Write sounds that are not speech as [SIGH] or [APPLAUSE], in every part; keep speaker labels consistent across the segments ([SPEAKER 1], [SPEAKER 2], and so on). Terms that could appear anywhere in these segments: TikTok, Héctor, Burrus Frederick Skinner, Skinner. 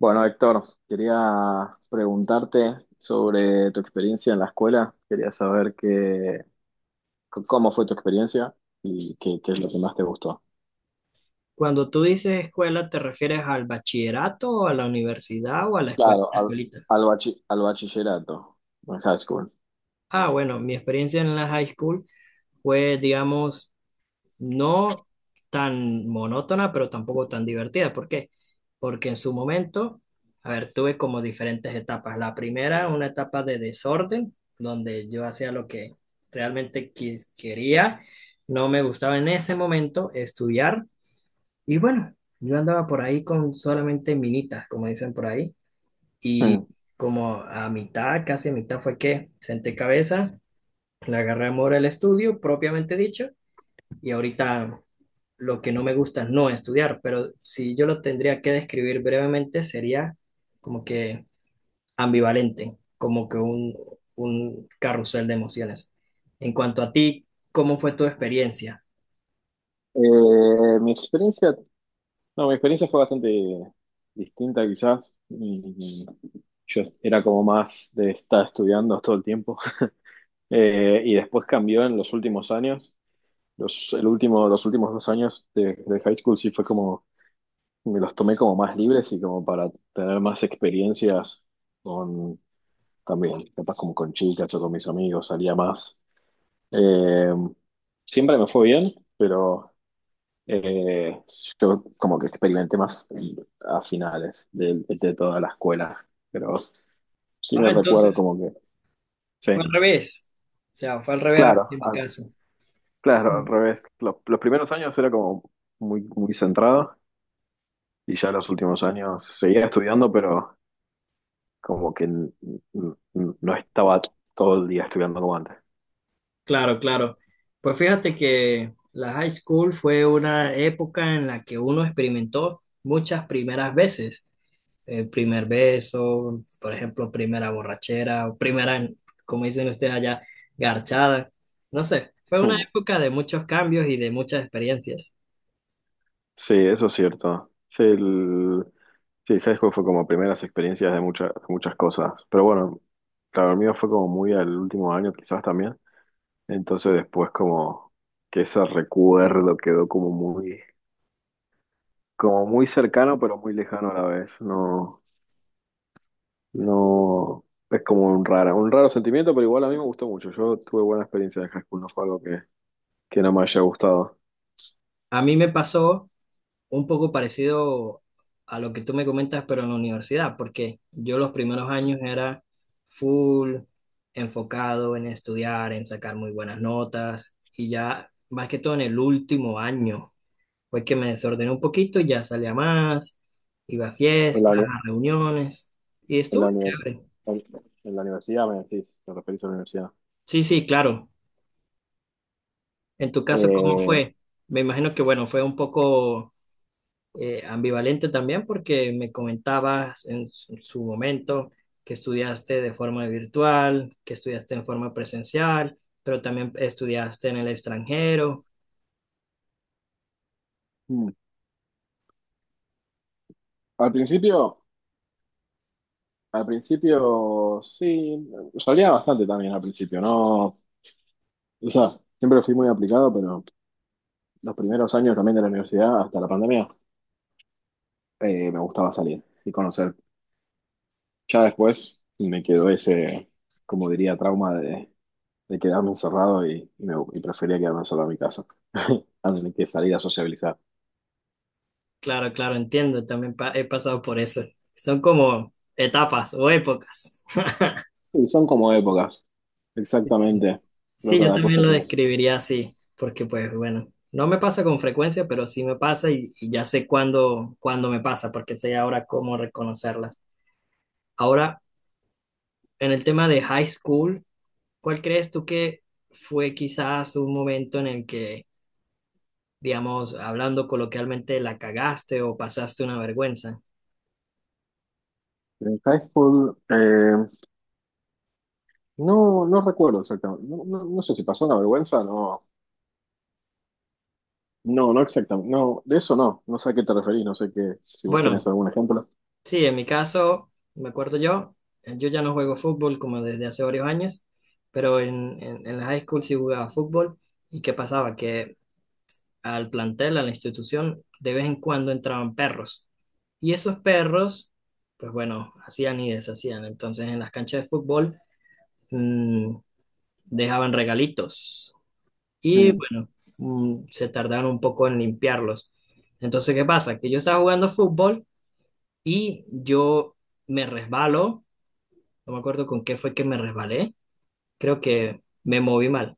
[SPEAKER 1] Bueno, Héctor, quería preguntarte sobre tu experiencia en la escuela. Quería saber cómo fue tu experiencia y qué es lo que más te gustó.
[SPEAKER 2] Cuando tú dices escuela, ¿te refieres al bachillerato o a la universidad o a la escuela,
[SPEAKER 1] Claro,
[SPEAKER 2] la
[SPEAKER 1] al,
[SPEAKER 2] escuelita?
[SPEAKER 1] al bachillerato, en high school.
[SPEAKER 2] Ah, bueno, mi experiencia en la high school fue, digamos, no tan monótona, pero tampoco tan divertida. ¿Por qué? Porque en su momento, a ver, tuve como diferentes etapas. La primera, una etapa de desorden, donde yo hacía lo que realmente quería. No me gustaba en ese momento estudiar. Y bueno, yo andaba por ahí con solamente minitas, como dicen por ahí,
[SPEAKER 1] Hmm.
[SPEAKER 2] y como a mitad, casi a mitad fue que senté cabeza, le agarré amor al estudio, propiamente dicho, y ahorita lo que no me gusta es no estudiar, pero si yo lo tendría que describir brevemente, sería como que ambivalente, como que un carrusel de emociones. En cuanto a ti, ¿cómo fue tu experiencia?
[SPEAKER 1] Mi experiencia, no, Mi experiencia fue bastante distinta quizás. Yo era como más de estar estudiando todo el tiempo. [LAUGHS] Y después cambió en los últimos años. Los últimos dos años de high school sí fue como, me los tomé como más libres y como para tener más experiencias con, también, capaz como con chicas o con mis amigos, salía más. Eh, Siempre me fue bien, pero eh, yo como que experimenté más a finales de toda la escuela, pero sí me
[SPEAKER 2] Ah,
[SPEAKER 1] recuerdo
[SPEAKER 2] entonces
[SPEAKER 1] como que,
[SPEAKER 2] fue al
[SPEAKER 1] sí,
[SPEAKER 2] revés, o sea, fue al revés
[SPEAKER 1] claro,
[SPEAKER 2] en mi
[SPEAKER 1] al-
[SPEAKER 2] caso.
[SPEAKER 1] claro, al revés. Los primeros años era como muy centrado. Y ya en los últimos años seguía estudiando, pero como que no estaba todo el día estudiando como antes.
[SPEAKER 2] Claro, claro. Pues fíjate que la high school fue una época en la que uno experimentó muchas primeras veces. El primer beso, por ejemplo, primera borrachera, o primera, como dicen ustedes allá, garchada. No sé, fue una
[SPEAKER 1] Hmm.
[SPEAKER 2] época de muchos cambios y de muchas experiencias.
[SPEAKER 1] Sí, eso es cierto. Sí, el high school fue como primeras experiencias de muchas cosas. Pero bueno, claro, el mío fue como muy al último año quizás también. Entonces después como que ese recuerdo quedó como muy cercano, pero muy lejano a la vez. No, no, es como un raro sentimiento, pero igual a mí me gustó mucho. Yo tuve buena experiencia de high school, no fue algo que no me haya gustado.
[SPEAKER 2] A mí me pasó un poco parecido a lo que tú me comentas, pero en la universidad, porque yo los primeros años era full enfocado en estudiar, en sacar muy buenas notas, y ya más que todo en el último año fue que me desordené un poquito, ya salía más, iba a
[SPEAKER 1] En la,
[SPEAKER 2] fiestas,
[SPEAKER 1] uni-
[SPEAKER 2] a reuniones, y
[SPEAKER 1] en
[SPEAKER 2] estuvo
[SPEAKER 1] la, uni-
[SPEAKER 2] chévere.
[SPEAKER 1] en, en la universidad, me decís, te referís a la universidad.
[SPEAKER 2] Sí, sí, claro. En tu caso, ¿cómo
[SPEAKER 1] Eh,
[SPEAKER 2] fue? Me imagino que, bueno, fue un poco ambivalente también porque me comentabas en su momento que estudiaste de forma virtual, que estudiaste en forma presencial, pero también estudiaste en el extranjero.
[SPEAKER 1] mm, al principio, Al principio sí, salía bastante también al principio, ¿no? O sea, siempre fui muy aplicado, pero los primeros años también de la universidad, hasta la pandemia, me gustaba salir y conocer. Ya después me quedó ese trauma de quedarme encerrado y y prefería quedarme encerrado en mi casa, [LAUGHS] antes que salir a sociabilizar.
[SPEAKER 2] Claro, claro, entiendo, también he pasado por eso. Son como etapas o épocas.
[SPEAKER 1] Y son como épocas,
[SPEAKER 2] Sí.
[SPEAKER 1] exactamente, pero
[SPEAKER 2] Sí, yo
[SPEAKER 1] cada
[SPEAKER 2] también
[SPEAKER 1] cosa
[SPEAKER 2] lo
[SPEAKER 1] tiene su-
[SPEAKER 2] describiría así, porque pues bueno, no me pasa con frecuencia, pero sí me pasa y ya sé cuándo, cuándo me pasa, porque sé ahora cómo reconocerlas. Ahora, en el tema de high school, ¿cuál crees tú que fue quizás un momento en el que, digamos, hablando coloquialmente, la cagaste o pasaste una vergüenza?
[SPEAKER 1] En high school, no, no recuerdo exactamente, no sé si pasó una vergüenza, no exactamente, no, de eso no, no sé a qué te referís, no sé qué, si vos tenés
[SPEAKER 2] Bueno,
[SPEAKER 1] algún ejemplo.
[SPEAKER 2] sí, en mi caso, me acuerdo yo, yo ya no juego fútbol como desde hace varios años, pero en la high school sí jugaba fútbol. ¿Y qué pasaba? Que al plantel, a la institución, de vez en cuando entraban perros. Y esos perros, pues bueno, hacían y deshacían. Entonces, en las canchas de fútbol, mm, dejaban regalitos. Y
[SPEAKER 1] Mm.
[SPEAKER 2] bueno, se tardaron un poco en limpiarlos. Entonces, ¿qué pasa? Que yo estaba jugando fútbol y yo me resbalo. No me acuerdo con qué fue que me resbalé. Creo que me moví mal.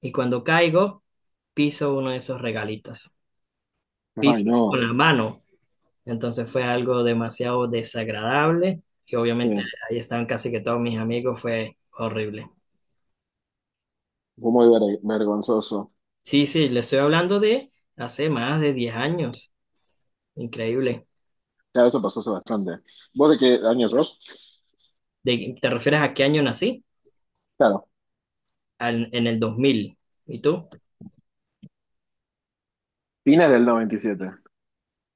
[SPEAKER 2] Y cuando caigo, piso uno de esos regalitos.
[SPEAKER 1] Ay,
[SPEAKER 2] Piso con
[SPEAKER 1] no,
[SPEAKER 2] la mano. Entonces fue algo demasiado desagradable. Y obviamente
[SPEAKER 1] sí,
[SPEAKER 2] ahí estaban casi que todos mis amigos. Fue horrible.
[SPEAKER 1] fue muy vergonzoso.
[SPEAKER 2] Sí, sí, le estoy hablando de hace más de 10 años. Increíble.
[SPEAKER 1] Claro, esto pasó hace bastante. ¿Vos de qué año sos?
[SPEAKER 2] ¿De, ¿te refieres a qué año nací?
[SPEAKER 1] Claro,
[SPEAKER 2] En el 2000. ¿Y tú?
[SPEAKER 1] fines del noventa y siete.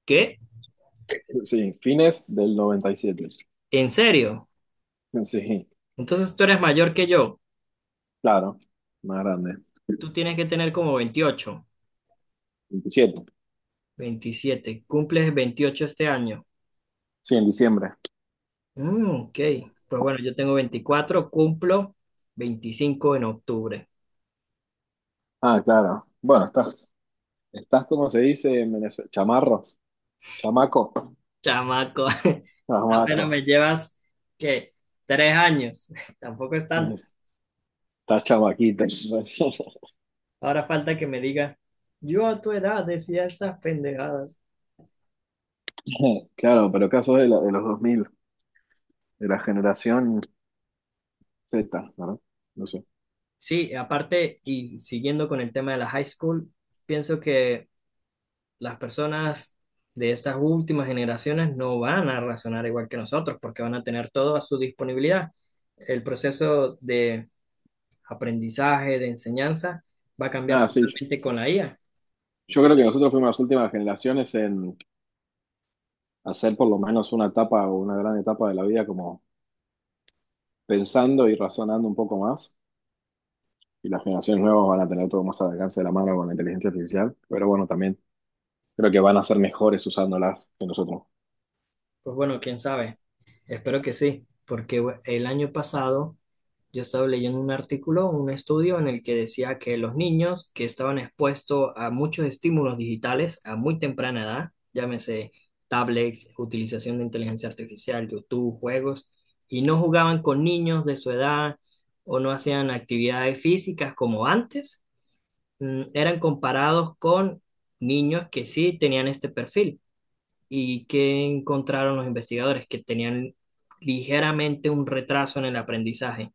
[SPEAKER 2] ¿Qué?
[SPEAKER 1] Sí, fines del noventa y siete.
[SPEAKER 2] ¿En serio?
[SPEAKER 1] Sí,
[SPEAKER 2] Entonces tú eres mayor que yo.
[SPEAKER 1] claro, más grande.
[SPEAKER 2] Tú tienes que tener como 28,
[SPEAKER 1] 27.
[SPEAKER 2] 27. Cumples 28 este año.
[SPEAKER 1] Sí, en diciembre.
[SPEAKER 2] Mm, ok. Pues bueno, yo tengo 24, cumplo 25 en octubre.
[SPEAKER 1] Ah, claro. Bueno, estás como se dice en Venezuela, chamaco,
[SPEAKER 2] Chamaco, [LAUGHS] apenas
[SPEAKER 1] chamaco.
[SPEAKER 2] me llevas, ¿qué? 3 años. [LAUGHS] Tampoco es tanto.
[SPEAKER 1] Estás chamaquita. [LAUGHS]
[SPEAKER 2] Ahora falta que me diga, yo a tu edad decía estas pendejadas.
[SPEAKER 1] Claro, pero caso de los dos mil, de la generación Z, ¿verdad? No sé.
[SPEAKER 2] Sí, aparte, y siguiendo con el tema de la high school, pienso que las personas de estas últimas generaciones no van a razonar igual que nosotros, porque van a tener todo a su disponibilidad. El proceso de aprendizaje, de enseñanza, va a cambiar
[SPEAKER 1] Nada, sí.
[SPEAKER 2] totalmente con la IA.
[SPEAKER 1] Yo creo que nosotros fuimos las últimas generaciones hacer por lo menos una etapa o una gran etapa de la vida como pensando y razonando un poco más. Y las generaciones nuevas van a tener todo más al alcance de la mano con la inteligencia artificial, pero bueno, también creo que van a ser mejores usándolas que nosotros.
[SPEAKER 2] Pues bueno, quién sabe. Espero que sí, porque bueno, el año pasado yo estaba leyendo un artículo, un estudio en el que decía que los niños que estaban expuestos a muchos estímulos digitales a muy temprana edad, llámese tablets, utilización de inteligencia artificial, YouTube, juegos, y no jugaban con niños de su edad o no hacían actividades físicas como antes, eran comparados con niños que sí tenían este perfil. ¿Y que encontraron los investigadores? Que tenían ligeramente un retraso en el aprendizaje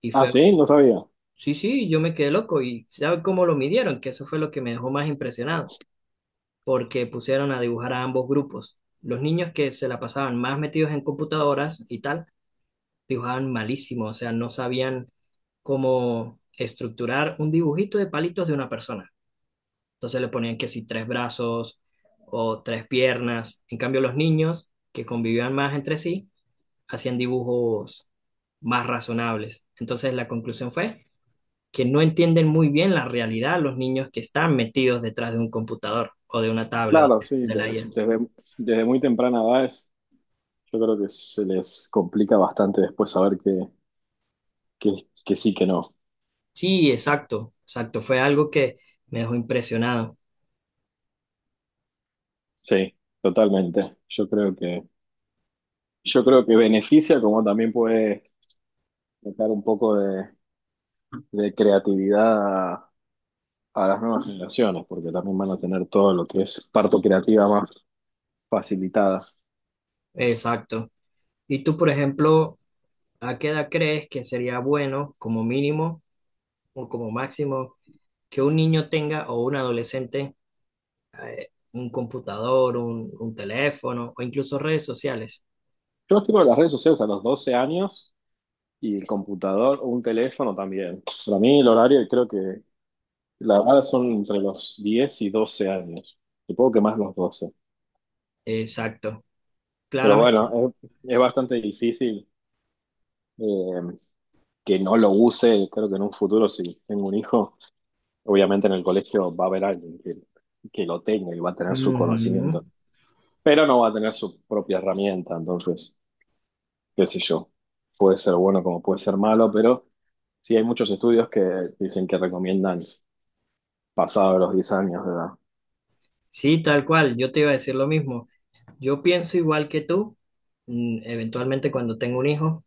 [SPEAKER 2] y
[SPEAKER 1] Ah,
[SPEAKER 2] fue...
[SPEAKER 1] sí, no sabía.
[SPEAKER 2] Sí, sí, yo me quedé loco. ¿Y sabe cómo lo midieron? Que eso fue lo que me dejó más impresionado, porque pusieron a dibujar a ambos grupos. Los niños que se la pasaban más metidos en computadoras y tal, dibujaban malísimo, o sea, no sabían cómo estructurar un dibujito de palitos de una persona. Entonces le ponían que si tres brazos o tres piernas. En cambio, los niños que convivían más entre sí hacían dibujos más razonables. Entonces la conclusión fue que no entienden muy bien la realidad los niños que están metidos detrás de un computador o de una tablet o
[SPEAKER 1] Claro, sí,
[SPEAKER 2] de la
[SPEAKER 1] desde,
[SPEAKER 2] IA.
[SPEAKER 1] desde, Desde muy temprana edad es- yo creo que se les complica bastante después saber que sí, que no.
[SPEAKER 2] Sí, exacto, exacto. Fue algo que me dejó impresionado.
[SPEAKER 1] Sí, totalmente. Yo creo que beneficia como también puede sacar un poco de creatividad a las nuevas generaciones, porque también van a tener todo lo que es parto creativa más facilitada.
[SPEAKER 2] Exacto. ¿Y tú, por ejemplo, a qué edad crees que sería bueno, como mínimo o como máximo, que un niño tenga o un adolescente un computador, un teléfono o incluso redes sociales?
[SPEAKER 1] Yo escribo en las redes sociales a los 12 años y el computador o un teléfono también. Para mí el horario creo que la verdad son entre los 10 y 12 años. Supongo que más los 12.
[SPEAKER 2] Exacto.
[SPEAKER 1] Pero
[SPEAKER 2] Claramente.
[SPEAKER 1] bueno, es bastante difícil eh, que no lo use. Creo que en un futuro, si tengo un hijo, obviamente en el colegio va a haber alguien que lo tenga y va a tener su
[SPEAKER 2] Ujú.
[SPEAKER 1] conocimiento, pero no va a tener su propia herramienta. Entonces, qué sé yo, puede ser bueno como puede ser malo, pero sí hay muchos estudios que dicen que recomiendan pasado los 10 años de edad.
[SPEAKER 2] Sí, tal cual. Yo te iba a decir lo mismo. Yo pienso igual que tú, eventualmente cuando tengo un hijo,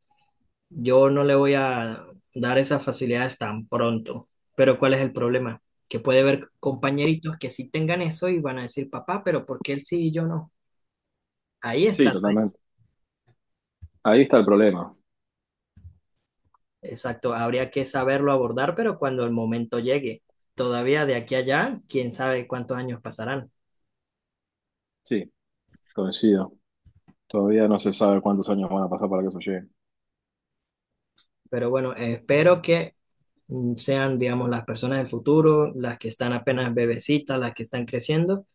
[SPEAKER 2] yo no le voy a dar esas facilidades tan pronto, pero ¿cuál es el problema? Que puede haber compañeritos que sí tengan eso y van a decir, papá, pero ¿por qué él sí y yo no? Ahí está
[SPEAKER 1] Sí,
[SPEAKER 2] el reto.
[SPEAKER 1] totalmente. Ahí está el problema.
[SPEAKER 2] Exacto, habría que saberlo abordar, pero cuando el momento llegue, todavía de aquí a allá, quién sabe cuántos años pasarán.
[SPEAKER 1] Sí, coincido. Todavía no se sabe cuántos años van a pasar para que eso llegue.
[SPEAKER 2] Pero bueno, espero que sean, digamos, las personas del futuro, las que están apenas bebecitas, las que están creciendo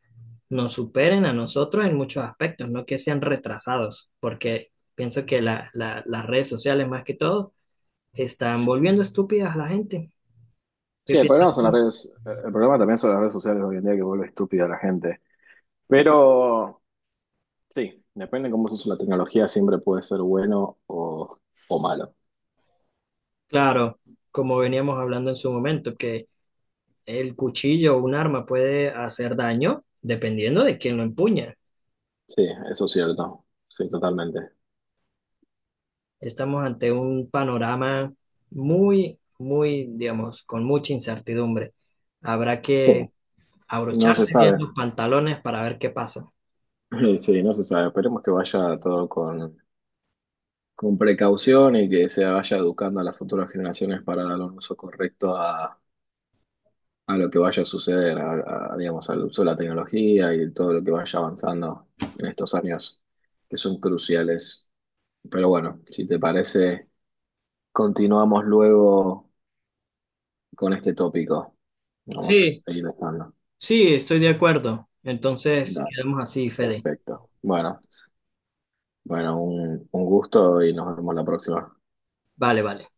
[SPEAKER 2] nos superen a nosotros en muchos aspectos, no que sean retrasados, porque pienso que las redes sociales más que todo están volviendo estúpidas a la gente. ¿Qué
[SPEAKER 1] Sí, el
[SPEAKER 2] piensas
[SPEAKER 1] problema son las
[SPEAKER 2] tú?
[SPEAKER 1] redes, el problema también son las redes sociales hoy en día que vuelve estúpida a la gente. Pero sí, depende de cómo se usa la tecnología, siempre puede ser bueno o malo.
[SPEAKER 2] Claro, como veníamos hablando en su momento, que el cuchillo o un arma puede hacer daño dependiendo de quién lo empuña.
[SPEAKER 1] Sí, eso es cierto. Sí, totalmente.
[SPEAKER 2] Estamos ante un panorama muy, muy, digamos, con mucha incertidumbre. Habrá
[SPEAKER 1] Sí,
[SPEAKER 2] que
[SPEAKER 1] no se
[SPEAKER 2] abrocharse bien
[SPEAKER 1] sabe.
[SPEAKER 2] los pantalones para ver qué pasa.
[SPEAKER 1] [LAUGHS] Sí, no se sabe. Esperemos que vaya todo con precaución y que se vaya educando a las futuras generaciones para dar un uso correcto a lo que vaya a suceder, a, digamos, al uso de la tecnología y todo lo que vaya avanzando en estos años que son cruciales. Pero bueno, si te parece, continuamos luego con este tópico. Vamos
[SPEAKER 2] Sí.
[SPEAKER 1] a ir dejando.
[SPEAKER 2] Sí, estoy de acuerdo. Entonces,
[SPEAKER 1] Dale,
[SPEAKER 2] quedamos así, Fede.
[SPEAKER 1] perfecto. Bueno, un gusto y nos vemos la próxima.
[SPEAKER 2] Vale, vale.